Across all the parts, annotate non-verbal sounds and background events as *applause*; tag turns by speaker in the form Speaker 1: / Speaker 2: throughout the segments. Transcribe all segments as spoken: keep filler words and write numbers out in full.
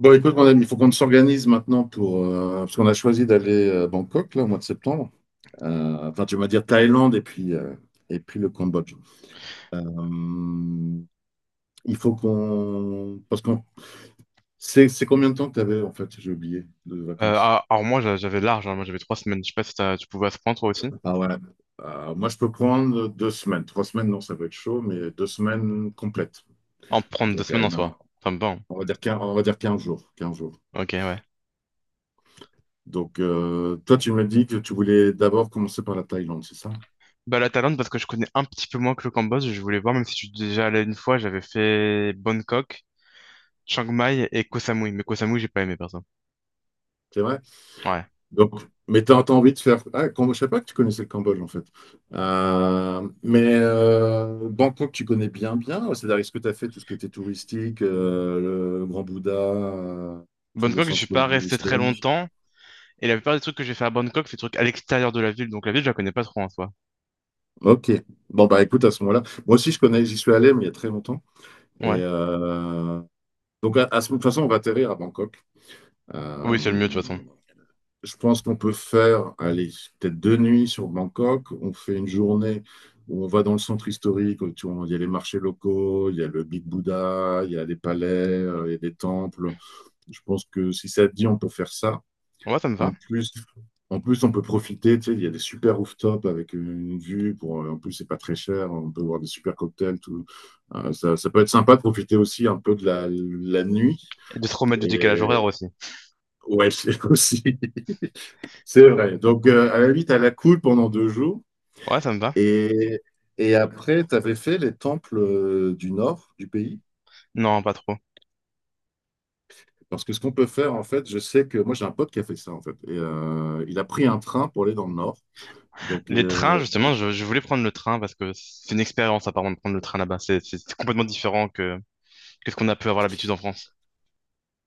Speaker 1: Bon, écoute, mon ami, il faut qu'on s'organise maintenant pour, euh, parce qu'on a choisi d'aller à Bangkok, là, au mois de septembre. Euh, enfin, tu vas dire Thaïlande et puis, euh, et puis le Cambodge. Euh, il faut qu'on. Parce qu'on. C'est c'est combien de temps que tu avais, en fait, j'ai oublié, de
Speaker 2: Euh,
Speaker 1: vacances?
Speaker 2: ah, alors moi j'a- j'avais large, hein. Moi j'avais trois semaines. Je sais pas si t'as- tu pouvais à ce point toi aussi.
Speaker 1: Ah ouais. Euh, moi, je peux prendre deux semaines. Trois semaines, non, ça va être chaud, mais deux semaines complètes.
Speaker 2: En prendre deux
Speaker 1: Donc,
Speaker 2: semaines
Speaker 1: allez,
Speaker 2: en soi.
Speaker 1: non,
Speaker 2: Ça me va, hein.
Speaker 1: on va dire quinze, on va dire quinze jours, quinze jours.
Speaker 2: Ok, ouais.
Speaker 1: Donc, euh, toi, tu me dis que tu voulais d'abord commencer par la Thaïlande, c'est ça?
Speaker 2: Bah la Thaïlande parce que je connais un petit peu moins que le Cambodge. Je voulais voir, même si je suis déjà allé une fois, j'avais fait Bangkok, Chiang Mai et Koh Samui. Mais Koh Samui j'ai pas aimé perso.
Speaker 1: C'est vrai.
Speaker 2: Ouais.
Speaker 1: Donc, mais t'as, t'as envie de faire. Ah, Cam- je savais pas que tu connaissais le Cambodge en fait. Euh, mais euh, Bangkok, tu connais bien, bien. C'est-à-dire, est-ce que tu as fait tout ce qui était touristique, euh, le Grand Bouddha, euh, tout le
Speaker 2: Bangkok je suis pas
Speaker 1: centre-ville
Speaker 2: resté très
Speaker 1: historique?
Speaker 2: longtemps. Et la plupart des trucs que j'ai fait à Bangkok, c'est des trucs à l'extérieur de la ville. Donc la ville je la connais pas trop en soi.
Speaker 1: Ok. Bon, bah écoute, à ce moment-là, moi aussi je connais, j'y suis allé, mais il y a très longtemps. Et
Speaker 2: Ouais.
Speaker 1: euh, donc, à, à ce- de toute façon, on va atterrir à Bangkok. Euh,
Speaker 2: Oui c'est le mieux de toute façon.
Speaker 1: Je pense qu'on peut faire, allez, peut-être deux nuits sur Bangkok. On fait une journée où on va dans le centre historique, où tu vois, il y a les marchés locaux, il y a le Big Buddha, il y a des palais, euh, il y a des temples. Je pense que si ça te dit, on peut faire ça.
Speaker 2: Ouais ça me
Speaker 1: En
Speaker 2: va.
Speaker 1: plus, en plus on peut profiter. Tu sais, il y a des super rooftops avec une vue. Pour, euh, en plus, c'est pas très cher. On peut boire des super cocktails. Tout. Euh, ça, ça peut être sympa de profiter aussi un peu de la, la nuit.
Speaker 2: Et de se remettre du décalage
Speaker 1: Et
Speaker 2: horaire aussi.
Speaker 1: ouais, *laughs* aussi. C'est vrai. Donc, euh, à la limite, à la cool pendant deux jours.
Speaker 2: Ouais ça me va.
Speaker 1: Et, et après, tu avais fait les temples euh, du nord du pays.
Speaker 2: Non pas trop.
Speaker 1: Parce que ce qu'on peut faire, en fait, je sais que moi, j'ai un pote qui a fait ça, en fait. Et euh, il a pris un train pour aller dans le nord. Donc,
Speaker 2: Les trains,
Speaker 1: euh, et-
Speaker 2: justement, je, je voulais prendre le train parce que c'est une expérience apparemment de prendre le train là-bas. C'est c'est- c'est complètement différent que qu'est-ce qu'on a pu avoir l'habitude en France.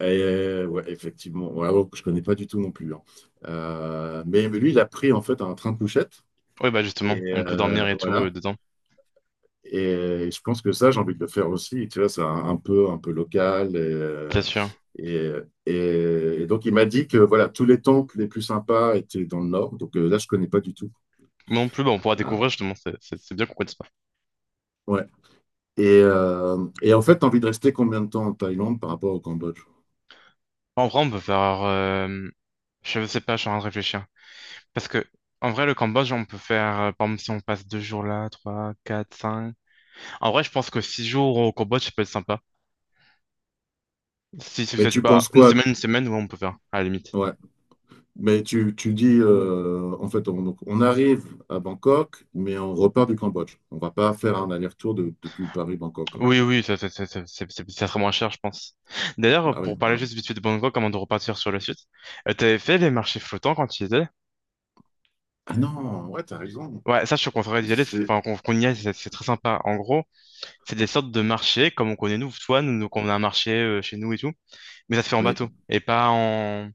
Speaker 1: et- euh, ouais, effectivement. Ouais, alors que je connais pas du tout non plus, hein. Euh, mais, mais lui, il a pris, en fait, un train de couchette.
Speaker 2: Oui, bah justement,
Speaker 1: Et
Speaker 2: on peut
Speaker 1: euh,
Speaker 2: dormir et tout euh,
Speaker 1: voilà.
Speaker 2: dedans,
Speaker 1: Et je pense que ça, j'ai envie de le faire aussi. Tu vois, c'est un, un peu, un peu local. Et,
Speaker 2: c'est
Speaker 1: euh,
Speaker 2: sûr.
Speaker 1: et, et- et donc, il m'a dit que voilà, tous les temples les plus sympas étaient dans le nord. Donc euh, là, je connais pas du tout,
Speaker 2: Moi non plus, bah, on pourra découvrir
Speaker 1: hein.
Speaker 2: justement, c'est c'est- c'est bien qu'on connaisse pas.
Speaker 1: Ouais. Et, euh, et en fait, tu as envie de rester combien de temps en Thaïlande par rapport au Cambodge?
Speaker 2: En vrai, on peut faire, euh, je sais pas, je suis en train de réfléchir. Parce que, en vrai, le Cambodge, on peut faire, euh, par exemple, si on passe deux jours là, trois, quatre, cinq. En vrai, je pense que six jours au Cambodge, ça peut être sympa. Si, si vous
Speaker 1: Mais
Speaker 2: êtes,
Speaker 1: tu
Speaker 2: bah,
Speaker 1: penses
Speaker 2: une
Speaker 1: quoi?
Speaker 2: semaine, une semaine, ouais, on peut faire, à la limite.
Speaker 1: Ouais. Mais tu, tu dis, euh, en fait, on, donc, on arrive à Bangkok, mais on repart du Cambodge. On va pas faire un aller-retour de- depuis Paris-Bangkok, hein.
Speaker 2: Oui, oui, ça, ça, ça, ça, c'est- c'est- ça serait moins cher, je pense. D'ailleurs,
Speaker 1: Bah oui.
Speaker 2: pour parler
Speaker 1: Voilà.
Speaker 2: juste vite fait de Bangkok, avant de repartir sur le site, euh, t'avais fait les marchés flottants quand tu y étais?
Speaker 1: Ah non, ouais, t'as raison.
Speaker 2: Ouais, ça, je suis content d'y aller, c'est-
Speaker 1: J'ai-
Speaker 2: enfin, qu'on qu'on y aille, c'est c'est très sympa. En gros, c'est des sortes de marchés, comme on connaît nous, toi, nous, nous, qu'on a un marché euh, chez nous et tout, mais ça se fait en
Speaker 1: Oui.
Speaker 2: bateau, et pas en,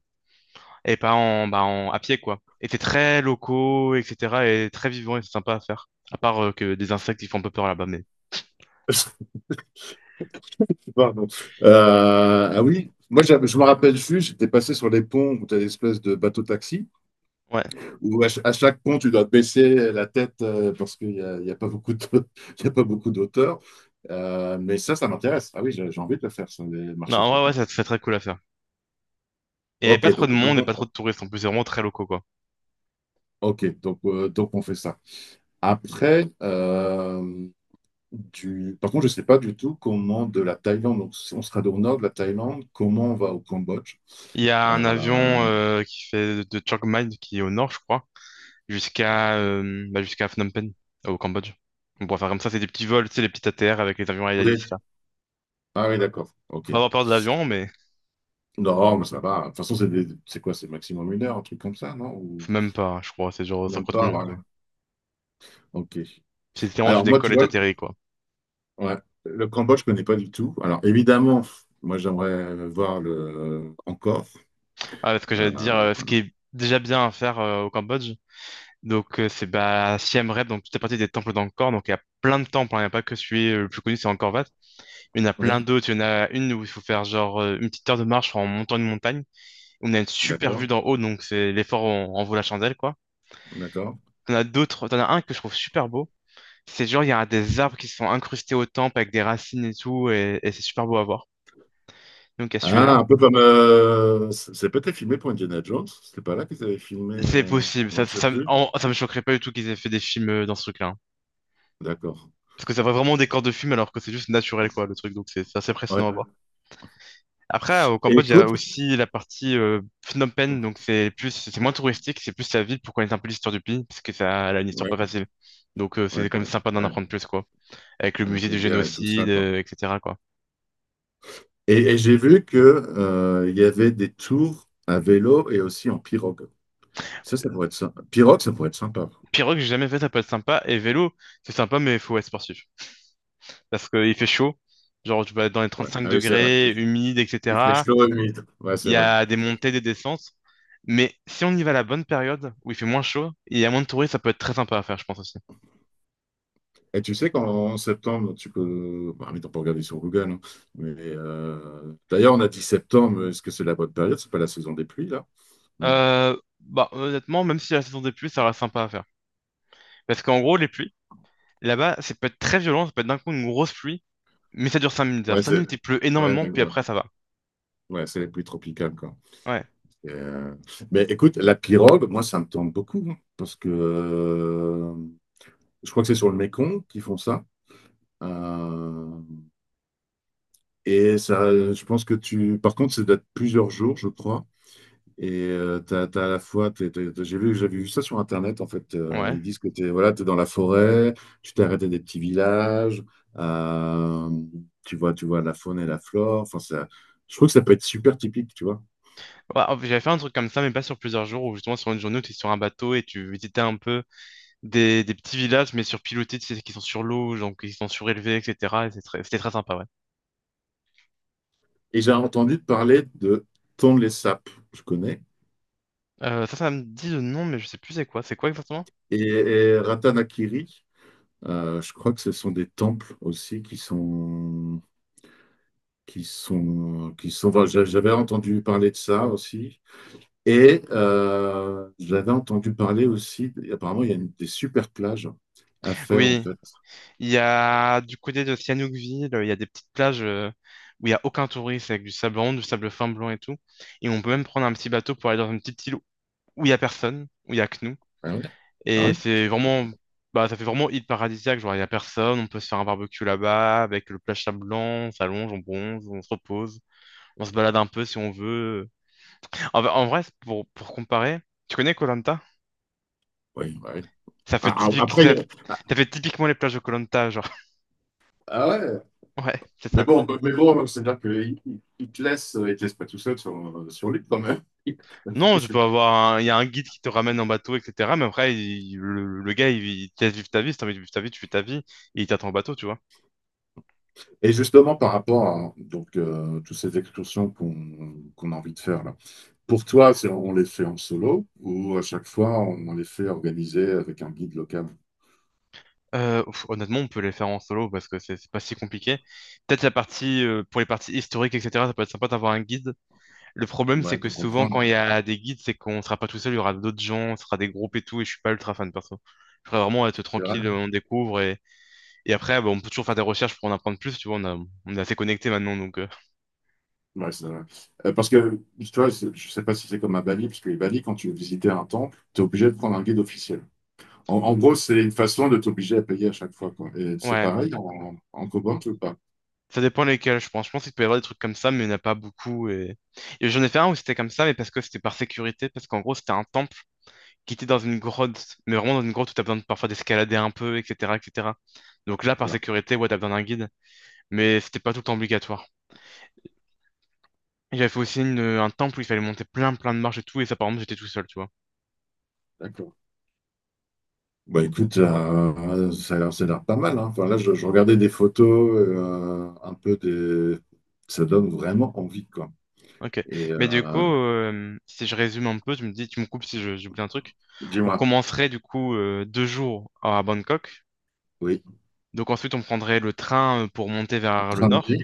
Speaker 2: et pas en, bah, en, à pied, quoi. Et c'est très locaux, et cetera, et très vivant, et c'est sympa à faire. À part euh, que des insectes, ils font un peu peur là-bas, mais.
Speaker 1: *laughs* Pardon. Euh, ah oui, moi j'avais- je me rappelle juste, j'étais passé sur les ponts où tu as l'espèce de bateau-taxi,
Speaker 2: Ouais.
Speaker 1: où à, ch- à chaque pont tu dois baisser la tête, euh, parce qu'il n'y a, il y a pas beaucoup de, *laughs* il y a pas beaucoup d'auteurs. Euh, mais ça, ça m'intéresse. Ah oui, j'ai j'ai envie de le faire sur les marchés
Speaker 2: Non, ouais, ouais,
Speaker 1: flottants,
Speaker 2: ça,
Speaker 1: quoi.
Speaker 2: c'est très cool à faire. Et
Speaker 1: Ok,
Speaker 2: pas trop de
Speaker 1: donc, donc,
Speaker 2: monde et pas trop
Speaker 1: on,
Speaker 2: de touristes, en plus, c'est vraiment très locaux, quoi.
Speaker 1: ok, donc, euh, donc on fait ça. Après, euh, du, par contre, je ne sais pas du tout comment de la Thaïlande, donc si on sera au nord de la Thaïlande, comment on va au Cambodge.
Speaker 2: Il y a
Speaker 1: Euh,
Speaker 2: un avion euh, qui fait de Chiang Mai, qui est au nord, je crois, jusqu'à euh, bah, jusqu'à Phnom Penh, au Cambodge. On pourrait faire comme ça, c'est des petits vols, tu sais, les petits A T R avec les avions Aedalis, là.
Speaker 1: Ah oui, d'accord.
Speaker 2: Faut
Speaker 1: Ok.
Speaker 2: pas avoir peur de l'avion, mais
Speaker 1: Non, oh, mais ça va. De toute façon, c'est des- c'est quoi? C'est maximum une heure, un truc comme ça, non? Ou
Speaker 2: faut même pas, je crois, c'est genre
Speaker 1: même
Speaker 2: cinquante
Speaker 1: pas,
Speaker 2: minutes. euh.
Speaker 1: voilà. Ok.
Speaker 2: C'est littéralement tu
Speaker 1: Alors, moi, tu
Speaker 2: décolles et
Speaker 1: vois,
Speaker 2: t'atterris, quoi.
Speaker 1: ouais, le Cambodge, je connais pas du tout. Alors, évidemment, moi, j'aimerais voir le encore.
Speaker 2: Ah, parce que j'allais te dire, euh, ce
Speaker 1: Euh,
Speaker 2: qui est déjà bien à faire euh, au Cambodge, donc euh, c'est bah, Siem Reap, donc tout est parti des temples d'Angkor, donc il y a plein de temples, hein, il n'y a pas que celui euh, le plus connu, c'est Angkor Wat. Il y en a
Speaker 1: oui,
Speaker 2: plein d'autres, il y en a une où il faut faire genre euh, une petite heure de marche en montant une montagne. On a une super vue
Speaker 1: d'accord,
Speaker 2: d'en haut, donc c'est l'effort en, en vaut la chandelle, quoi.
Speaker 1: d'accord.
Speaker 2: T'en as d'autres, t'en as un que je trouve super beau. C'est genre, il y a des arbres qui sont incrustés au temple avec des racines et tout, et, et c'est super beau à voir. Donc, il y a celui-là.
Speaker 1: Ah, un peu comme. euh, c'est c'est peut-être filmé pour Indiana Jones. C'était pas là qu'ils avaient filmé.
Speaker 2: C'est
Speaker 1: euh,
Speaker 2: possible.
Speaker 1: Non,
Speaker 2: Ça,
Speaker 1: je sais
Speaker 2: ça, me-
Speaker 1: plus.
Speaker 2: en- ça me choquerait pas du tout qu'ils aient fait des films euh, dans ce truc-là, hein.
Speaker 1: D'accord.
Speaker 2: Parce que ça va vraiment des corps de film alors que c'est juste naturel, quoi, le truc. Donc, c'est c'est assez
Speaker 1: Ouais.
Speaker 2: impressionnant à voir. Après, au
Speaker 1: Et
Speaker 2: Cambodge, il y a
Speaker 1: écoute,
Speaker 2: aussi la partie euh, Phnom Penh. Donc, c'est plus, c'est moins touristique, c'est plus la ville pour connaître un peu l'histoire du pays. Parce que ça, elle a une histoire
Speaker 1: ouais,
Speaker 2: pas facile. Donc, euh,
Speaker 1: ouais,
Speaker 2: c'est quand même
Speaker 1: ouais,
Speaker 2: sympa d'en
Speaker 1: ouais,
Speaker 2: apprendre plus, quoi, avec le
Speaker 1: avec
Speaker 2: musée
Speaker 1: la
Speaker 2: du
Speaker 1: guerre et tout ça,
Speaker 2: génocide,
Speaker 1: quoi.
Speaker 2: euh, et cetera, quoi.
Speaker 1: Et, et j'ai vu que, euh, il y avait des tours à vélo et aussi en pirogue. Ça, ça pourrait être sympa. Pirogue, ça pourrait être sympa.
Speaker 2: Pirogue, j'ai jamais fait, ça peut être sympa. Et vélo, c'est sympa, mais il faut être sportif. Parce qu'il fait chaud. Genre, tu vas être dans les
Speaker 1: Ouais.
Speaker 2: trente-cinq
Speaker 1: Ah oui, c'est vrai.
Speaker 2: degrés,
Speaker 1: Il,
Speaker 2: humide,
Speaker 1: il fait
Speaker 2: et cetera.
Speaker 1: chaud et humide. Ouais, c'est
Speaker 2: Il y
Speaker 1: vrai.
Speaker 2: a des montées, des descentes. Mais si on y va à la bonne période, où il fait moins chaud, et il y a moins de touristes, ça peut être très sympa à faire, je pense aussi.
Speaker 1: Et tu sais qu'en septembre, tu peux. Bah, mais on peut regarder sur Google, hein. Mais euh, d'ailleurs, on a dit septembre. Est-ce que c'est la bonne période? C'est pas la saison des pluies, là? Non.
Speaker 2: Euh, bah, honnêtement, même si la saison des pluies, ça reste sympa à faire. Parce qu'en gros, les pluies, là-bas, ça peut être très violent, ça peut être d'un coup une grosse pluie, mais ça dure cinq minutes. Alors,
Speaker 1: Ouais,
Speaker 2: cinq
Speaker 1: c'est.
Speaker 2: minutes, il pleut
Speaker 1: Ouais,
Speaker 2: énormément, puis
Speaker 1: d'accord.
Speaker 2: après, ça va.
Speaker 1: Ouais, c'est les pluies tropicales, quoi.
Speaker 2: Ouais,
Speaker 1: Et, euh, Mais écoute, la pirogue, moi, ça me tente beaucoup, hein, parce que euh, je crois que c'est sur le Mékong qu'ils font ça. Euh, et ça, je pense que tu. Par contre, ça date plusieurs jours, je crois. Et euh, t'as, t'as à la fois, t'es- t'es- t'es- j'ai vu, j'avais vu ça sur Internet, en fait. Euh,
Speaker 2: ouais.
Speaker 1: ils disent que t'es, voilà, t'es dans la forêt, tu t'es arrêté des petits villages, euh, tu vois, tu vois la faune et la flore. Enfin, ça, je trouve que ça peut être super typique, tu vois.
Speaker 2: Ouais, en fait, j'avais fait un truc comme ça, mais pas sur plusieurs jours, ou justement sur une journée où tu es sur un bateau et tu visitais un peu des, des petits villages, mais surpilotés, tu sais, qui sont sur l'eau, donc qui sont surélevés, et cetera. Et c'est très- c'était très sympa, ouais.
Speaker 1: Et j'ai entendu parler de Tonlé Sap, je connais,
Speaker 2: Euh, ça, ça me dit le nom, mais je sais plus c'est quoi. C'est quoi exactement?
Speaker 1: et, et Ratanakiri. Euh, je crois que ce sont des temples aussi qui sont, qui sont, qui sont. Voilà, j'a- j'avais entendu parler de ça aussi. Et euh, j'avais entendu parler aussi. Apparemment, il y a une- des super plages à faire en
Speaker 2: Oui,
Speaker 1: fait.
Speaker 2: il y a du côté de Sihanoukville, il y a des petites plages euh, où il y a aucun touriste, avec du sable rond, du sable fin blanc et tout. Et on peut même prendre un petit bateau pour aller dans une petite île où il y a personne, où il y a que nous.
Speaker 1: Ah ouais? Ah
Speaker 2: Et
Speaker 1: ouais?
Speaker 2: c'est vraiment, bah, ça fait vraiment île paradisiaque. Genre, il n'y a personne, on peut se faire un barbecue là-bas avec le plage blanc, on s'allonge, on bronze, on se repose, on se balade un peu si on veut. En, en vrai, c'est pour, pour comparer, tu connais koh
Speaker 1: Oui, bah oui.
Speaker 2: Ça fait
Speaker 1: Ah, ah,
Speaker 2: typique,
Speaker 1: après, il
Speaker 2: ça,
Speaker 1: y a- ah,
Speaker 2: ça fait typiquement les plages de koh genre.
Speaker 1: ah ouais.
Speaker 2: *laughs* Ouais, c'est
Speaker 1: Mais
Speaker 2: ça.
Speaker 1: bon, bah, mais bon, c'est-à-dire qu'ils te laissent, ils te laissent pas tout seul sur, sur l'île quand même.
Speaker 2: Non, tu peux
Speaker 1: *laughs*
Speaker 2: avoir un, il y a un guide qui te ramène en bateau, et cetera. Mais après, il- le, le gars, il, il te laisse vivre ta vie. Si t'as envie de vivre ta vie, tu fais ta vie et il t'attend en bateau, tu vois.
Speaker 1: Et justement, par rapport à donc, euh, toutes ces excursions qu'on qu'on a envie de faire là. Pour toi, c'est- on les fait en solo ou à chaque fois on, les fait organiser avec un guide local?
Speaker 2: Euh, pff, honnêtement, on peut les faire en solo parce que c'est c'est pas si compliqué. Peut-être la partie euh, pour les parties historiques, et cetera. Ça peut être sympa d'avoir un guide. Le problème, c'est
Speaker 1: Ouais,
Speaker 2: que
Speaker 1: pour
Speaker 2: souvent, quand
Speaker 1: comprendre.
Speaker 2: il y a des guides, c'est qu'on sera pas tout seul, il y aura d'autres gens, ce sera des groupes et tout. Et je suis pas ultra fan perso. Je voudrais vraiment être
Speaker 1: C'est vrai?
Speaker 2: tranquille, euh, on découvre et, et après, bah, on peut toujours faire des recherches pour en apprendre plus. Tu vois, on a- on est assez connectés maintenant, donc euh,
Speaker 1: Ouais, c'est vrai. Euh, parce que, tu vois, c'est- je sais pas si c'est comme à Bali, parce que les Bali, quand tu veux visiter un temple, tu es obligé de prendre un guide officiel. En, en gros, c'est une façon de t'obliger à payer à chaque fois, quoi. Et c'est
Speaker 2: ouais.
Speaker 1: pareil en, en Cobalt ou pas?
Speaker 2: Ça dépend lesquels, je pense. Je pense qu'il peut y avoir des trucs comme ça, mais il n'y en a pas beaucoup. Et, et j'en ai fait un où c'était comme ça, mais parce que c'était par sécurité, parce qu'en gros, c'était un temple qui était dans une grotte, mais vraiment dans une grotte où t'as besoin de, parfois d'escalader un peu, et cetera, et cetera. Donc là, par
Speaker 1: Voilà,
Speaker 2: sécurité, ouais, t'as besoin d'un guide, mais c'était pas tout le temps obligatoire. Et J'avais fait aussi une- un temple où il fallait monter plein, plein de marches et tout, et ça, par exemple, j'étais tout seul, tu vois.
Speaker 1: d'accord. Bah écoute, euh, ça a l'air ça a l'air pas mal, hein. Enfin, là, je, je regardais des photos, euh, un peu des... Ça donne vraiment envie, quoi.
Speaker 2: Ok.
Speaker 1: Et
Speaker 2: Mais du coup,
Speaker 1: euh,
Speaker 2: euh, si je résume un peu, tu me dis, tu me coupes si je- j'oublie un truc. On
Speaker 1: Dis-moi.
Speaker 2: commencerait du coup euh, deux jours à Bangkok.
Speaker 1: Oui,
Speaker 2: Donc ensuite, on prendrait le train euh, pour monter vers le nord.
Speaker 1: Tramway,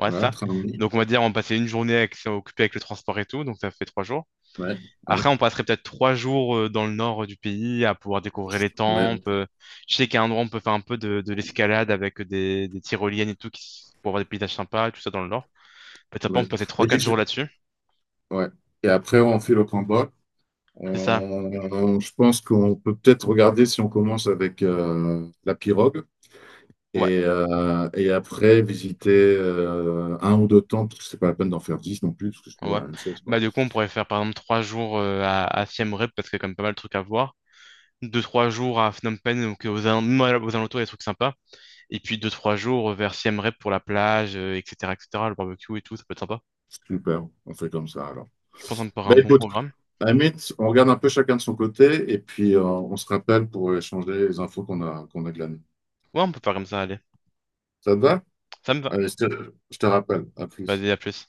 Speaker 2: Ouais,
Speaker 1: voilà,
Speaker 2: ça.
Speaker 1: Tramway,
Speaker 2: Donc on va dire, on passait une journée avec- occupée avec le transport et tout, donc ça fait trois jours.
Speaker 1: ouais, ouais,
Speaker 2: Après, on passerait peut-être trois jours euh, dans le nord euh, du pays à pouvoir découvrir les
Speaker 1: ouais,
Speaker 2: temples. Euh, Je sais qu'à un endroit on peut faire un peu de, de l'escalade avec des, des tyroliennes et tout qui s- pour avoir des paysages sympas, tout ça dans le nord. Peut-être après, on
Speaker 1: ouais.
Speaker 2: peut passer trois,
Speaker 1: Et, tu
Speaker 2: quatre
Speaker 1: sais-
Speaker 2: jours là-dessus.
Speaker 1: ouais. Et après, on fait le combat.
Speaker 2: C'est ça?
Speaker 1: On- je pense qu'on peut peut-être regarder si on commence avec euh, la pirogue
Speaker 2: Ouais,
Speaker 1: et, euh, et après visiter euh, un ou deux tentes, parce que c'est pas la peine d'en faire dix non plus, parce que c'est toujours
Speaker 2: ouais.
Speaker 1: la même chose, quoi.
Speaker 2: Bah, du coup, on pourrait faire par exemple trois jours euh, à, à Siem Reap parce qu'il y a quand même pas mal de trucs à voir. Deux, trois jours à Phnom Penh, donc aux, al- même à- aux alentours, il y a des trucs sympas. Et puis deux, trois jours vers Siem Reap pour la plage, euh, et cetera, et cetera, le barbecue et tout, ça peut être sympa.
Speaker 1: Super, on fait comme ça alors.
Speaker 2: Je pense qu'on pourrait un
Speaker 1: Ben
Speaker 2: bon
Speaker 1: écoute,
Speaker 2: programme.
Speaker 1: à on regarde un peu chacun de son côté et puis euh, on se rappelle pour échanger les infos qu'on a, qu'on a glanées.
Speaker 2: Ouais, on peut faire comme ça, allez.
Speaker 1: Ça te va?
Speaker 2: Ça me va.
Speaker 1: Allez, je te, je te rappelle. À plus.
Speaker 2: Vas-y, à plus.